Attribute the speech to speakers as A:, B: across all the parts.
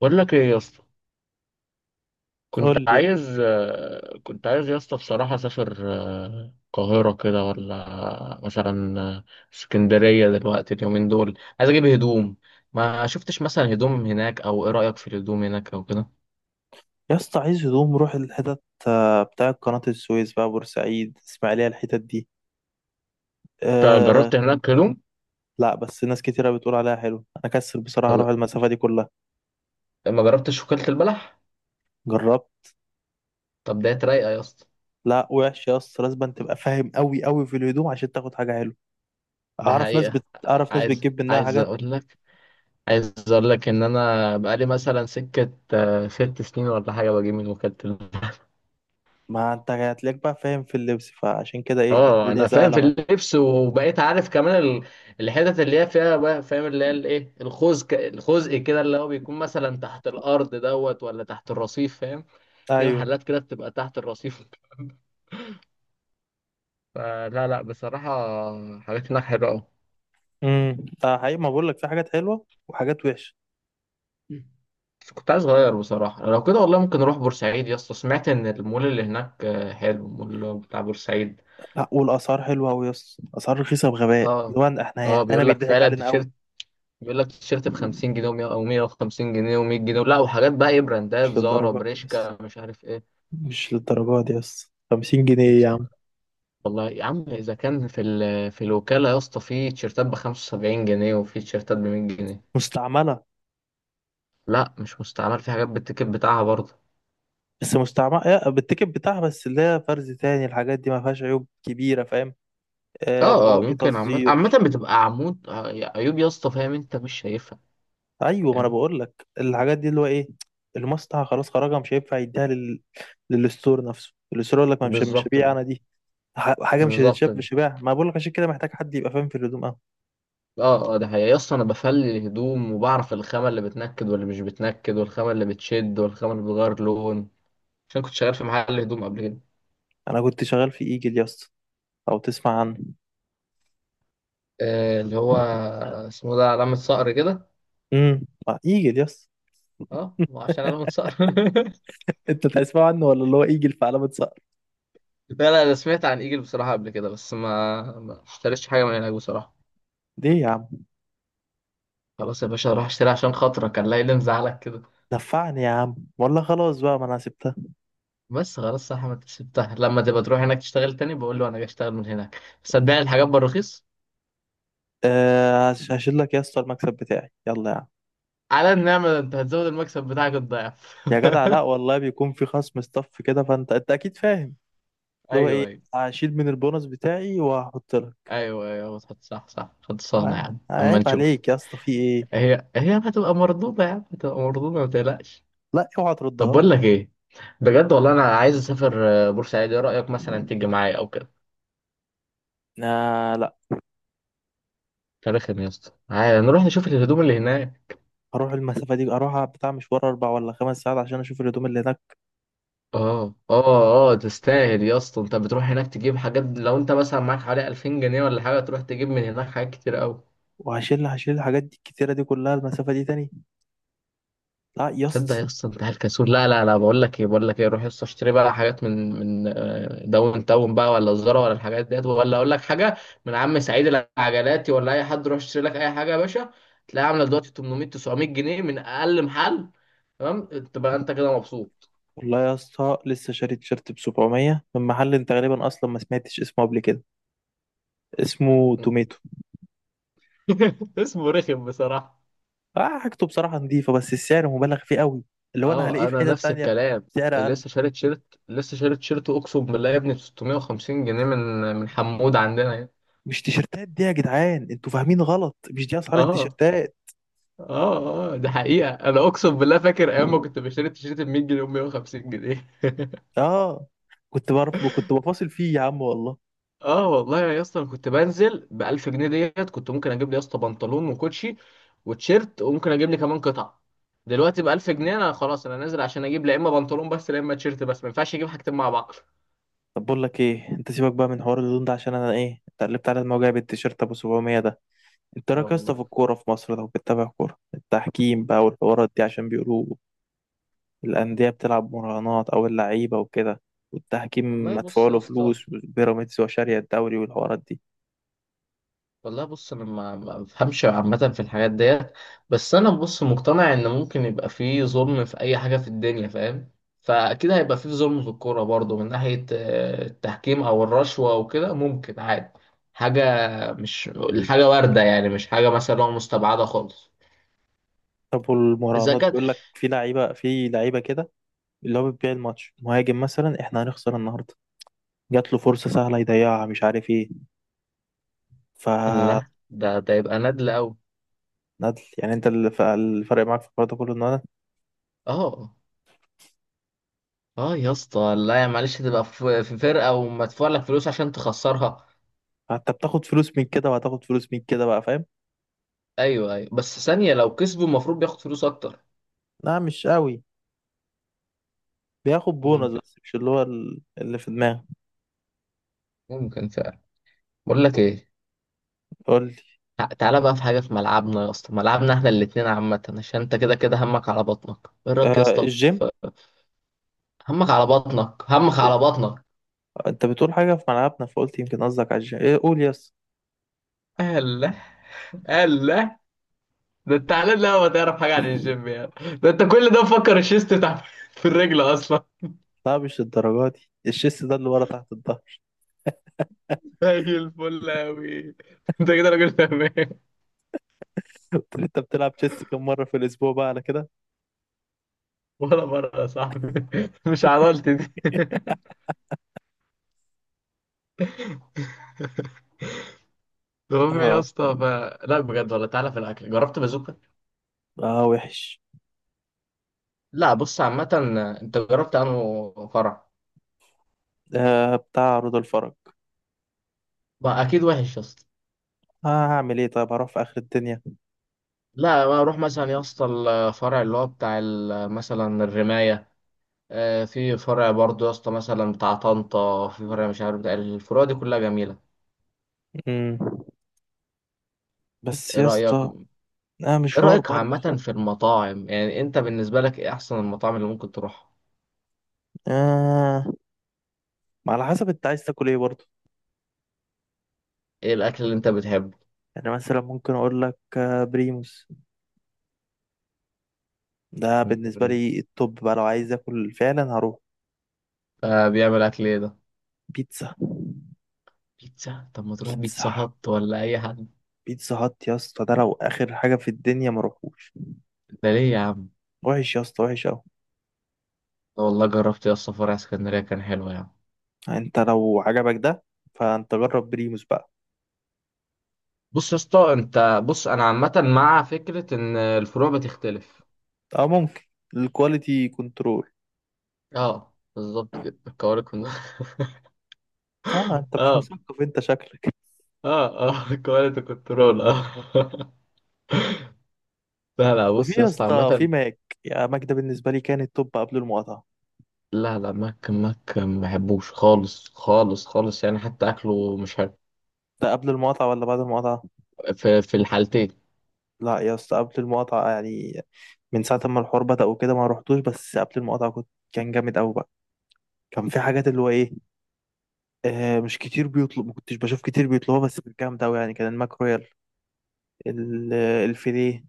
A: بقول لك ايه يا اسطى. كنت
B: قول لي.
A: عايز كنت عايز يا اسطى بصراحة اسافر القاهرة كده، ولا مثلا اسكندرية؟ دلوقتي اليومين دول عايز اجيب هدوم. ما شفتش مثلا هدوم هناك، او ايه رأيك في الهدوم هناك او كده؟
B: يا اسطى عايز هدوم، روح الحتت بتاع قناة السويس، بقى بورسعيد، اسماعيلية، الحتت دي.
A: انت
B: أه.
A: جربت هناك هدوم؟
B: لا، بس ناس كتيرة بتقول عليها حلو، انا كسل بصراحة اروح
A: طب
B: المسافة دي كلها.
A: ما جربتش وكالة البلح؟
B: جربت.
A: طب ده رايقة يا اسطى؟
B: لا، وحش يا اسطى، لازم تبقى فاهم قوي قوي في الهدوم عشان تاخد حاجة حلوة.
A: ده حقيقة.
B: اعرف ناس
A: عايز
B: بتجيب منها
A: عايز
B: حاجات.
A: اقول لك، عايز اقول لك ان انا بقالي مثلا سكة ست سنين ولا حاجة بجيب من وكالة البلح.
B: ما انت هتلاقيك بقى فاهم في اللبس، فعشان كده ايه،
A: اه
B: الدنيا
A: انا فاهم
B: سهلة
A: في
B: معاك.
A: اللبس، وبقيت عارف كمان الحتت اللي هي فيها، بقى فاهم اللي هي الايه، الخزق كده، اللي هو بيكون مثلا تحت الارض دوت، ولا تحت الرصيف، فاهم؟ في
B: ايوه.
A: محلات كده بتبقى تحت الرصيف. فلا لا، بصراحة حاجات هناك حلوة أوي.
B: امم ده حقيقي، ما بقول لك في حاجات حلوة وحاجات وحشة.
A: بس كنت عايز أغير بصراحة. لو كده والله ممكن أروح بورسعيد يا اسطى، سمعت إن المول اللي هناك حلو، المول بتاع بورسعيد.
B: لا، والاسعار حلوة قوي يا اسطى، اسعار رخيصة بغباء،
A: اه
B: اللي هو احنا
A: اه
B: احنا هنا
A: بيقول لك
B: بيضحك
A: فعلا
B: علينا قوي.
A: التيشيرت، بيقول لك تيشيرت ب 50 جنيه، او 150 جنيه و100 جنيه، لا. وحاجات بقى ايه، براندات
B: مش
A: زارا،
B: للدرجة دي يس.
A: بريشكا، مش عارف ايه.
B: مش للدرجة دي يس، 50
A: يا
B: جنيه يا
A: اسطى،
B: عم؟
A: والله يا عم اذا كان في في الوكاله يا اسطى في تيشيرتات ب 75 جنيه، وفي تيشيرتات ب 100 جنيه.
B: مستعملة.
A: لا مش مستعمل، في حاجات بالتيكت بتاعها برضه.
B: بس مستعملة إيه، بالتيكت بتاعها، بس اللي هي فرز تاني، الحاجات دي ما فيهاش عيوب كبيرة، فاهم. آه،
A: اه اه
B: بواقي
A: ممكن. عامة
B: تصدير.
A: بتبقى عمود، عيوب يا اسطى، فاهم؟ انت مش شايفها.
B: أيوة، ما أنا
A: فاهم.
B: بقول لك الحاجات دي اللي هو إيه، المصنع خلاص خرجها، مش هينفع يديها للستور نفسه. الستور يقول لك ما مش
A: بالظبط
B: هبيع
A: كده.
B: أنا دي. حاجة مش
A: بالظبط
B: هتتشاف،
A: كده.
B: مش هبيعها. ما بقول لك عشان كده محتاج حد يبقى فاهم في الهدوم أوي.
A: اه اه، ده حقيقي يا اسطى، انا بفلي الهدوم، وبعرف الخامة اللي بتنكد واللي مش بتنكد، والخامة اللي بتشد، والخامة اللي بتغير لون. عشان كنت شغال في محل هدوم قبل كده.
B: أنا كنت شغال في إيجل يس، أو تسمع عنه؟
A: اللي هو اسمه ده علامة صقر كده.
B: امم إيجل يس.
A: اه، وعشان علامة صقر.
B: انت تسمع عنه، ولا اللي هو ايجل في علامة؟
A: لا لا، انا سمعت عن ايجل بصراحة قبل كده، بس ما اشتريتش حاجة من هناك بصراحة.
B: ليه يا عم؟
A: خلاص يا باشا اروح اشتري عشان خاطرك، كان لا اللي مزعلك كده.
B: نفعني يا عم والله، خلاص بقى، ما انا سبتها.
A: بس خلاص يا احمد، سبتها لما تبقى تروح هناك تشتغل تاني، بقول له انا جاي اشتغل من هناك، صدقني الحاجات بالرخيص.
B: أه، هشيل لك يا اسطى المكسب بتاعي، يلا يا عم.
A: على النعمة، ده انت هتزود المكسب بتاعك الضعف.
B: يا جدع، لا والله، بيكون في خصم ستاف كده، فانت اكيد فاهم. اللي هو
A: ايوه
B: ايه،
A: ايوه.
B: هشيل من البونص بتاعي وهحط لك.
A: ايوه ايوه، صح صح صح، خد صانع يا عم اما
B: عيب
A: نشوف.
B: عليك يا اسطى، في ايه؟
A: هي هتبقى مردودة يعني، هتبقى مردودة ما تقلقش.
B: لا اوعى
A: طب
B: تردها لي.
A: بقول لك ايه، بجد والله انا عايز اسافر بورسعيد، ايه رأيك مثلا تيجي معايا او كده؟
B: لا.
A: فرخم يا اسطى، عايز نروح نشوف الهدوم اللي هناك.
B: هروح المسافه دي، اروح بتاع مشوار اربع ولا خمس ساعات عشان اشوف الهدوم اللي هناك؟
A: اه اه. اه تستاهل يا اسطى، انت بتروح هناك تجيب حاجات، لو انت مثلا معاك حوالي 2000 جنيه ولا حاجة، تروح تجيب من هناك حاجات كتير قوي.
B: وهشيل الحاجات دي الكتيره دي كلها المسافه دي تاني؟ لا يا
A: تصدق يا
B: اسطى.
A: اسطى انت الكسول؟ لا لا لا، بقول لك ايه، بقول لك ايه، روح يا اسطى اشتري بقى حاجات من داون تاون بقى، ولا الزارا، ولا الحاجات ديت، ولا اقول لك حاجه، من عم سعيد العجلاتي، ولا اي حد، روح اشتري لك اي حاجه يا باشا، تلاقيها عامله دلوقتي 800 900 جنيه من اقل محل. تمام، تبقى انت كده مبسوط.
B: والله يا اسطى، لسه شاري تيشيرت ب 700 من محل انت غالبا اصلا ما سمعتش اسمه قبل كده، اسمه توميتو.
A: اسمه رخم بصراحه.
B: اه، حاجته بصراحه نظيفه، بس السعر مبالغ فيه قوي، اللي هو انا هلاقيه
A: اه
B: في
A: انا
B: حته
A: نفس
B: تانية
A: الكلام.
B: بسعر اقل.
A: لسه شاري تيشيرت، اقسم بالله يا ابني، ب 650 جنيه من حمود عندنا يعني.
B: مش تيشيرتات دي يا جدعان، انتوا فاهمين غلط، مش دي اسعار
A: اه
B: التيشيرتات.
A: اه اه، ده حقيقة، انا اقسم بالله فاكر ايام ما كنت بشتري التيشيرت ب 100 جنيه و 150 جنيه.
B: اه، كنت بعرف، كنت بفاصل فيه يا عم والله.
A: اه والله يا اسطى، انا كنت بنزل ب 1000 جنيه ديت، كنت ممكن اجيب لي يا اسطى بنطلون، وكوتشي، وتيشيرت، وممكن اجيب لي كمان قطعة. دلوقتي ب 1000 جنيه انا خلاص، انا نازل عشان اجيب لا اما بنطلون بس لا اما تيشيرت بس، ما ينفعش اجيب حاجتين مع بعض.
B: طب بقول لك ايه، انت سيبك بقى من حوار اللون ده، عشان انا ايه اتقلبت على الموضوع بالتيشيرت ابو 700 ده. انت إيه
A: اه
B: رايك يا اسطى في
A: والله.
B: الكوره في مصر؟ لو بتتابع كوره، التحكيم بقى والحوارات دي، عشان بيقولوا الأندية بتلعب مراهنات أو اللعيبة وكده، والتحكيم
A: والله
B: مدفوع
A: بص يا
B: له
A: اسطى،
B: فلوس، وبيراميدز وشارية الدوري والحوارات دي.
A: والله بص انا ما بفهمش عامه في الحاجات ديت. بس انا بص مقتنع ان ممكن يبقى فيه ظلم في اي حاجه في الدنيا، فاهم؟ فاكيد هيبقى فيه ظلم في الكوره برضو، من ناحيه التحكيم او الرشوه وكده، ممكن عادي، حاجه مش الحاجه وارده يعني، مش حاجه مثلا هو مستبعده خالص.
B: طب
A: اذا
B: والمراهنات،
A: كان.
B: بيقول لك في لعيبة، كده اللي هو بتبيع الماتش، مهاجم مثلا احنا هنخسر النهاردة، جات له فرصة سهلة يضيعها، مش عارف ايه، ف...
A: لا ده يبقى نادل قوي.
B: ندل يعني. انت الفرق معاك في الحوار ده كله ان انا،
A: اه اه يا اسطى، لا يا معلش، تبقى في فرقه، ومدفوع لك فلوس عشان تخسرها.
B: انت بتاخد فلوس من كده وهتاخد فلوس من كده، بقى فاهم.
A: ايوه ايوه، بس ثانيه، لو كسبوا المفروض بياخد فلوس اكتر.
B: لا مش قوي. بياخد بونص
A: ممكن.
B: بس، مش اللي هو اللي في دماغك.
A: ممكن فعلا. بقول لك ايه،
B: قول لي.
A: تعالى بقى في حاجه في ملعبنا يا اسطى، ملعبنا احنا الاتنين عامه، عشان انت كده كده همك على بطنك، ايه رايك يا
B: آه،
A: اسطى
B: الجيم.
A: في. همك على بطنك، همك على بطنك.
B: انت بتقول حاجة في ملعبنا، فقلت يمكن قصدك على ايه، قول يس.
A: الله. الله. ده انت على، لا ما تعرف حاجه عن الجيم يعني؟ ده انت كل ده مفكر الشيست بتاع. في الرجل اصلا.
B: لا، مش الدرجة دي، الشيس ده اللي ورا تحت الظهر.
A: زي الفل اوي، انت كده راجل تمام.
B: قلت له انت بتلعب تشيس كم مرة في الأسبوع بقى على كده.
A: ولا مره يا صاحبي، مش عضلتي دي. المهم يا
B: اه
A: اسطى ف... لا بجد والله، تعالى في الاكل، جربت بازوكا؟
B: اه، وحش.
A: لا بص عامة. انت جربت انه فرع؟
B: آه، بتاع عروض الفرج.
A: بقى اكيد وحش يا اسطى.
B: آه، هعمل ايه طيب، هروح في آخر الدنيا؟
A: لا بقى اروح مثلا يا اسطى الفرع اللي هو بتاع مثلا الرماية، في فرع برضو يا اسطى، مثلا بتاع طنطا في فرع، مش عارف، بتاع الفروع دي كلها جميلة.
B: مم. بس
A: ايه
B: يا
A: رأيك؟
B: اسطى،
A: ايه
B: آه، مشوار
A: رأيك
B: برضه.
A: عامة في المطاعم يعني؟ انت بالنسبة لك ايه احسن المطاعم اللي ممكن تروحها؟
B: آه، ما على حسب انت عايز تاكل ايه برضه.
A: ايه الاكل اللي انت بتحبه؟
B: يعني مثلا ممكن اقول لك آه بريموس، ده بالنسبة
A: مم.
B: لي التوب بقى لو عايز اكل فعلا هروح.
A: بيعمل اكل ايه ده؟
B: بيتزا.
A: بيتزا. طب ما تروح
B: بيتزا
A: بيتزا هات، ولا اي حد؟
B: بيتزا هات يا اسطى، ده لو اخر حاجه في الدنيا ما روحوش.
A: ده ليه يا عم؟
B: وحش يا اسطى، وحش قوي.
A: والله جربت يا اسطى فرع اسكندرية كان حلو يعني.
B: انت لو عجبك ده، فانت جرب بريموس بقى.
A: بص يا اسطى، انت بص، انا عامه مع فكره ان الفروع بتختلف.
B: اه ممكن، الكواليتي كنترول.
A: اه بالظبط كده، الكوارث
B: اه، انت مش
A: اه
B: مثقف انت شكلك.
A: اه، اه كواليتي كنترول اه. لا لا
B: وفي
A: بص يا
B: يا
A: اسطى
B: اسطى في
A: عامة.
B: ماك، يا ماك ده بالنسبه لي كان التوب قبل المقاطعه.
A: لا لا، ماك ماك ما بحبوش خالص خالص خالص، يعني حتى اكله مش حلو.
B: ده قبل المقاطعه ولا بعد المقاطعه؟
A: في في الحالتين.
B: لا يا اسطى، قبل المقاطعه يعني. من ساعه ما الحوار بدأ وكده ما روحتوش، بس قبل المقاطعه كان جامد قوي بقى. كان في حاجات اللي هو ايه، مش كتير بيطلب، ما كنتش بشوف كتير بيطلبوها، بس كانت جامده قوي يعني. كان الماك رويال، ال- الفيليه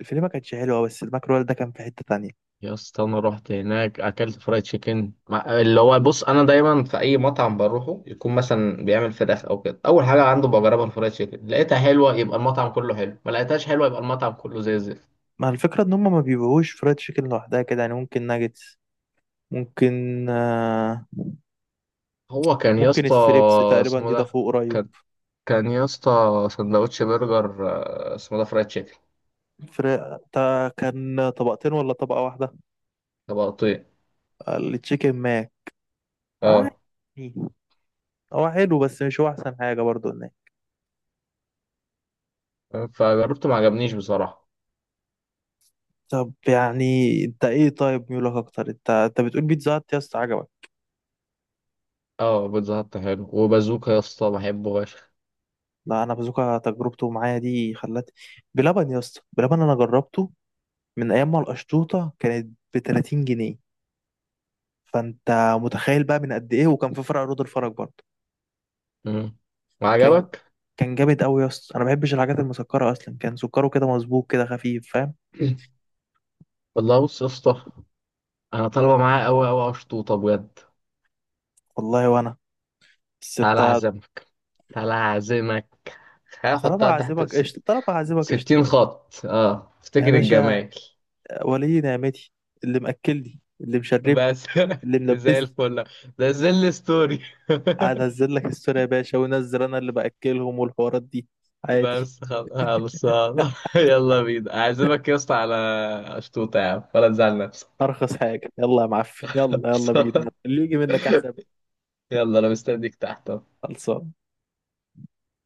B: الفيليه ما كانتش حلوه، بس الماكرول ده كان في حته تانية.
A: يا اسطى، انا رحت هناك اكلت فرايد تشيكن اللي هو بص انا دايما في اي مطعم بروحه يكون مثلا بيعمل فراخ او كده، اول حاجه عنده بجربها الفرايد تشيكن، لقيتها حلوه يبقى المطعم كله حلو، ما لقيتهاش حلوه يبقى المطعم كله زي الزفت.
B: مع الفكره ان هم ما بيبيعوش فرايد تشيكن لوحدها كده يعني. ممكن ناجتس، ممكن
A: هو كان يا
B: ممكن
A: اسطى
B: الستريبس تقريبا
A: اسمه
B: دي، ده
A: ده،
B: فوق قريب.
A: كان كان يا اسطى سندوتش برجر، اسمه ده فرايد تشيكن.
B: فرق ده كان طبقتين ولا طبقه واحده؟
A: طبقتين.
B: التشيكن ماك. آه،
A: اه.
B: يعني هو حلو بس مش هو احسن حاجه برضو هناك.
A: فجربته ما عجبنيش بصراحه.
B: طب يعني انت ايه طيب، ميولك اكتر، انت بتقول بيتزا هات يا اسطى عجبك.
A: اه، بيتزا هت حلو، وبازوكا يا اسطى بحبه فشخ.
B: لا، انا بازوكا تجربته معايا دي خلت. بلبن يا اسطى، بلبن انا جربته من ايام ما القشطوطه كانت ب 30 جنيه، فانت متخيل بقى من قد ايه، وكان في فرع رود الفرج برضه.
A: مم. ما
B: كان
A: عجبك.
B: كان جامد قوي يا اسطى، انا ما بحبش الحاجات المسكره اصلا، كان سكره كده مظبوط كده خفيف، فاهم.
A: والله بص يا اسطى، انا طالبه معاه قوي قوي اشطوطه بجد.
B: والله وانا، بس
A: تعالى
B: انت.
A: اعزمك، تعالى اعزمك، هحطها تحت ست...
B: طالما هعزمك قشطه
A: 60 خط، اه
B: يا
A: افتكر
B: باشا،
A: الجمايل.
B: ولي نعمتي، اللي مأكلني اللي مشربني
A: بس.
B: اللي
A: زي
B: ملبسني،
A: الفل. ده زي الستوري.
B: قاعد انزل لك الصوره يا باشا، وانزل انا اللي باكلهم والحوارات دي. عادي.
A: بس خلاص. يلا بينا اعزمك يا اسطى على اشطوطه يا عم، ولا تزعل نفسك.
B: ارخص حاجه، يلا يا معفن، يلا يلا بينا، اللي يجي منك احسن.
A: يلا انا مستنيك تحت.
B: خلصان.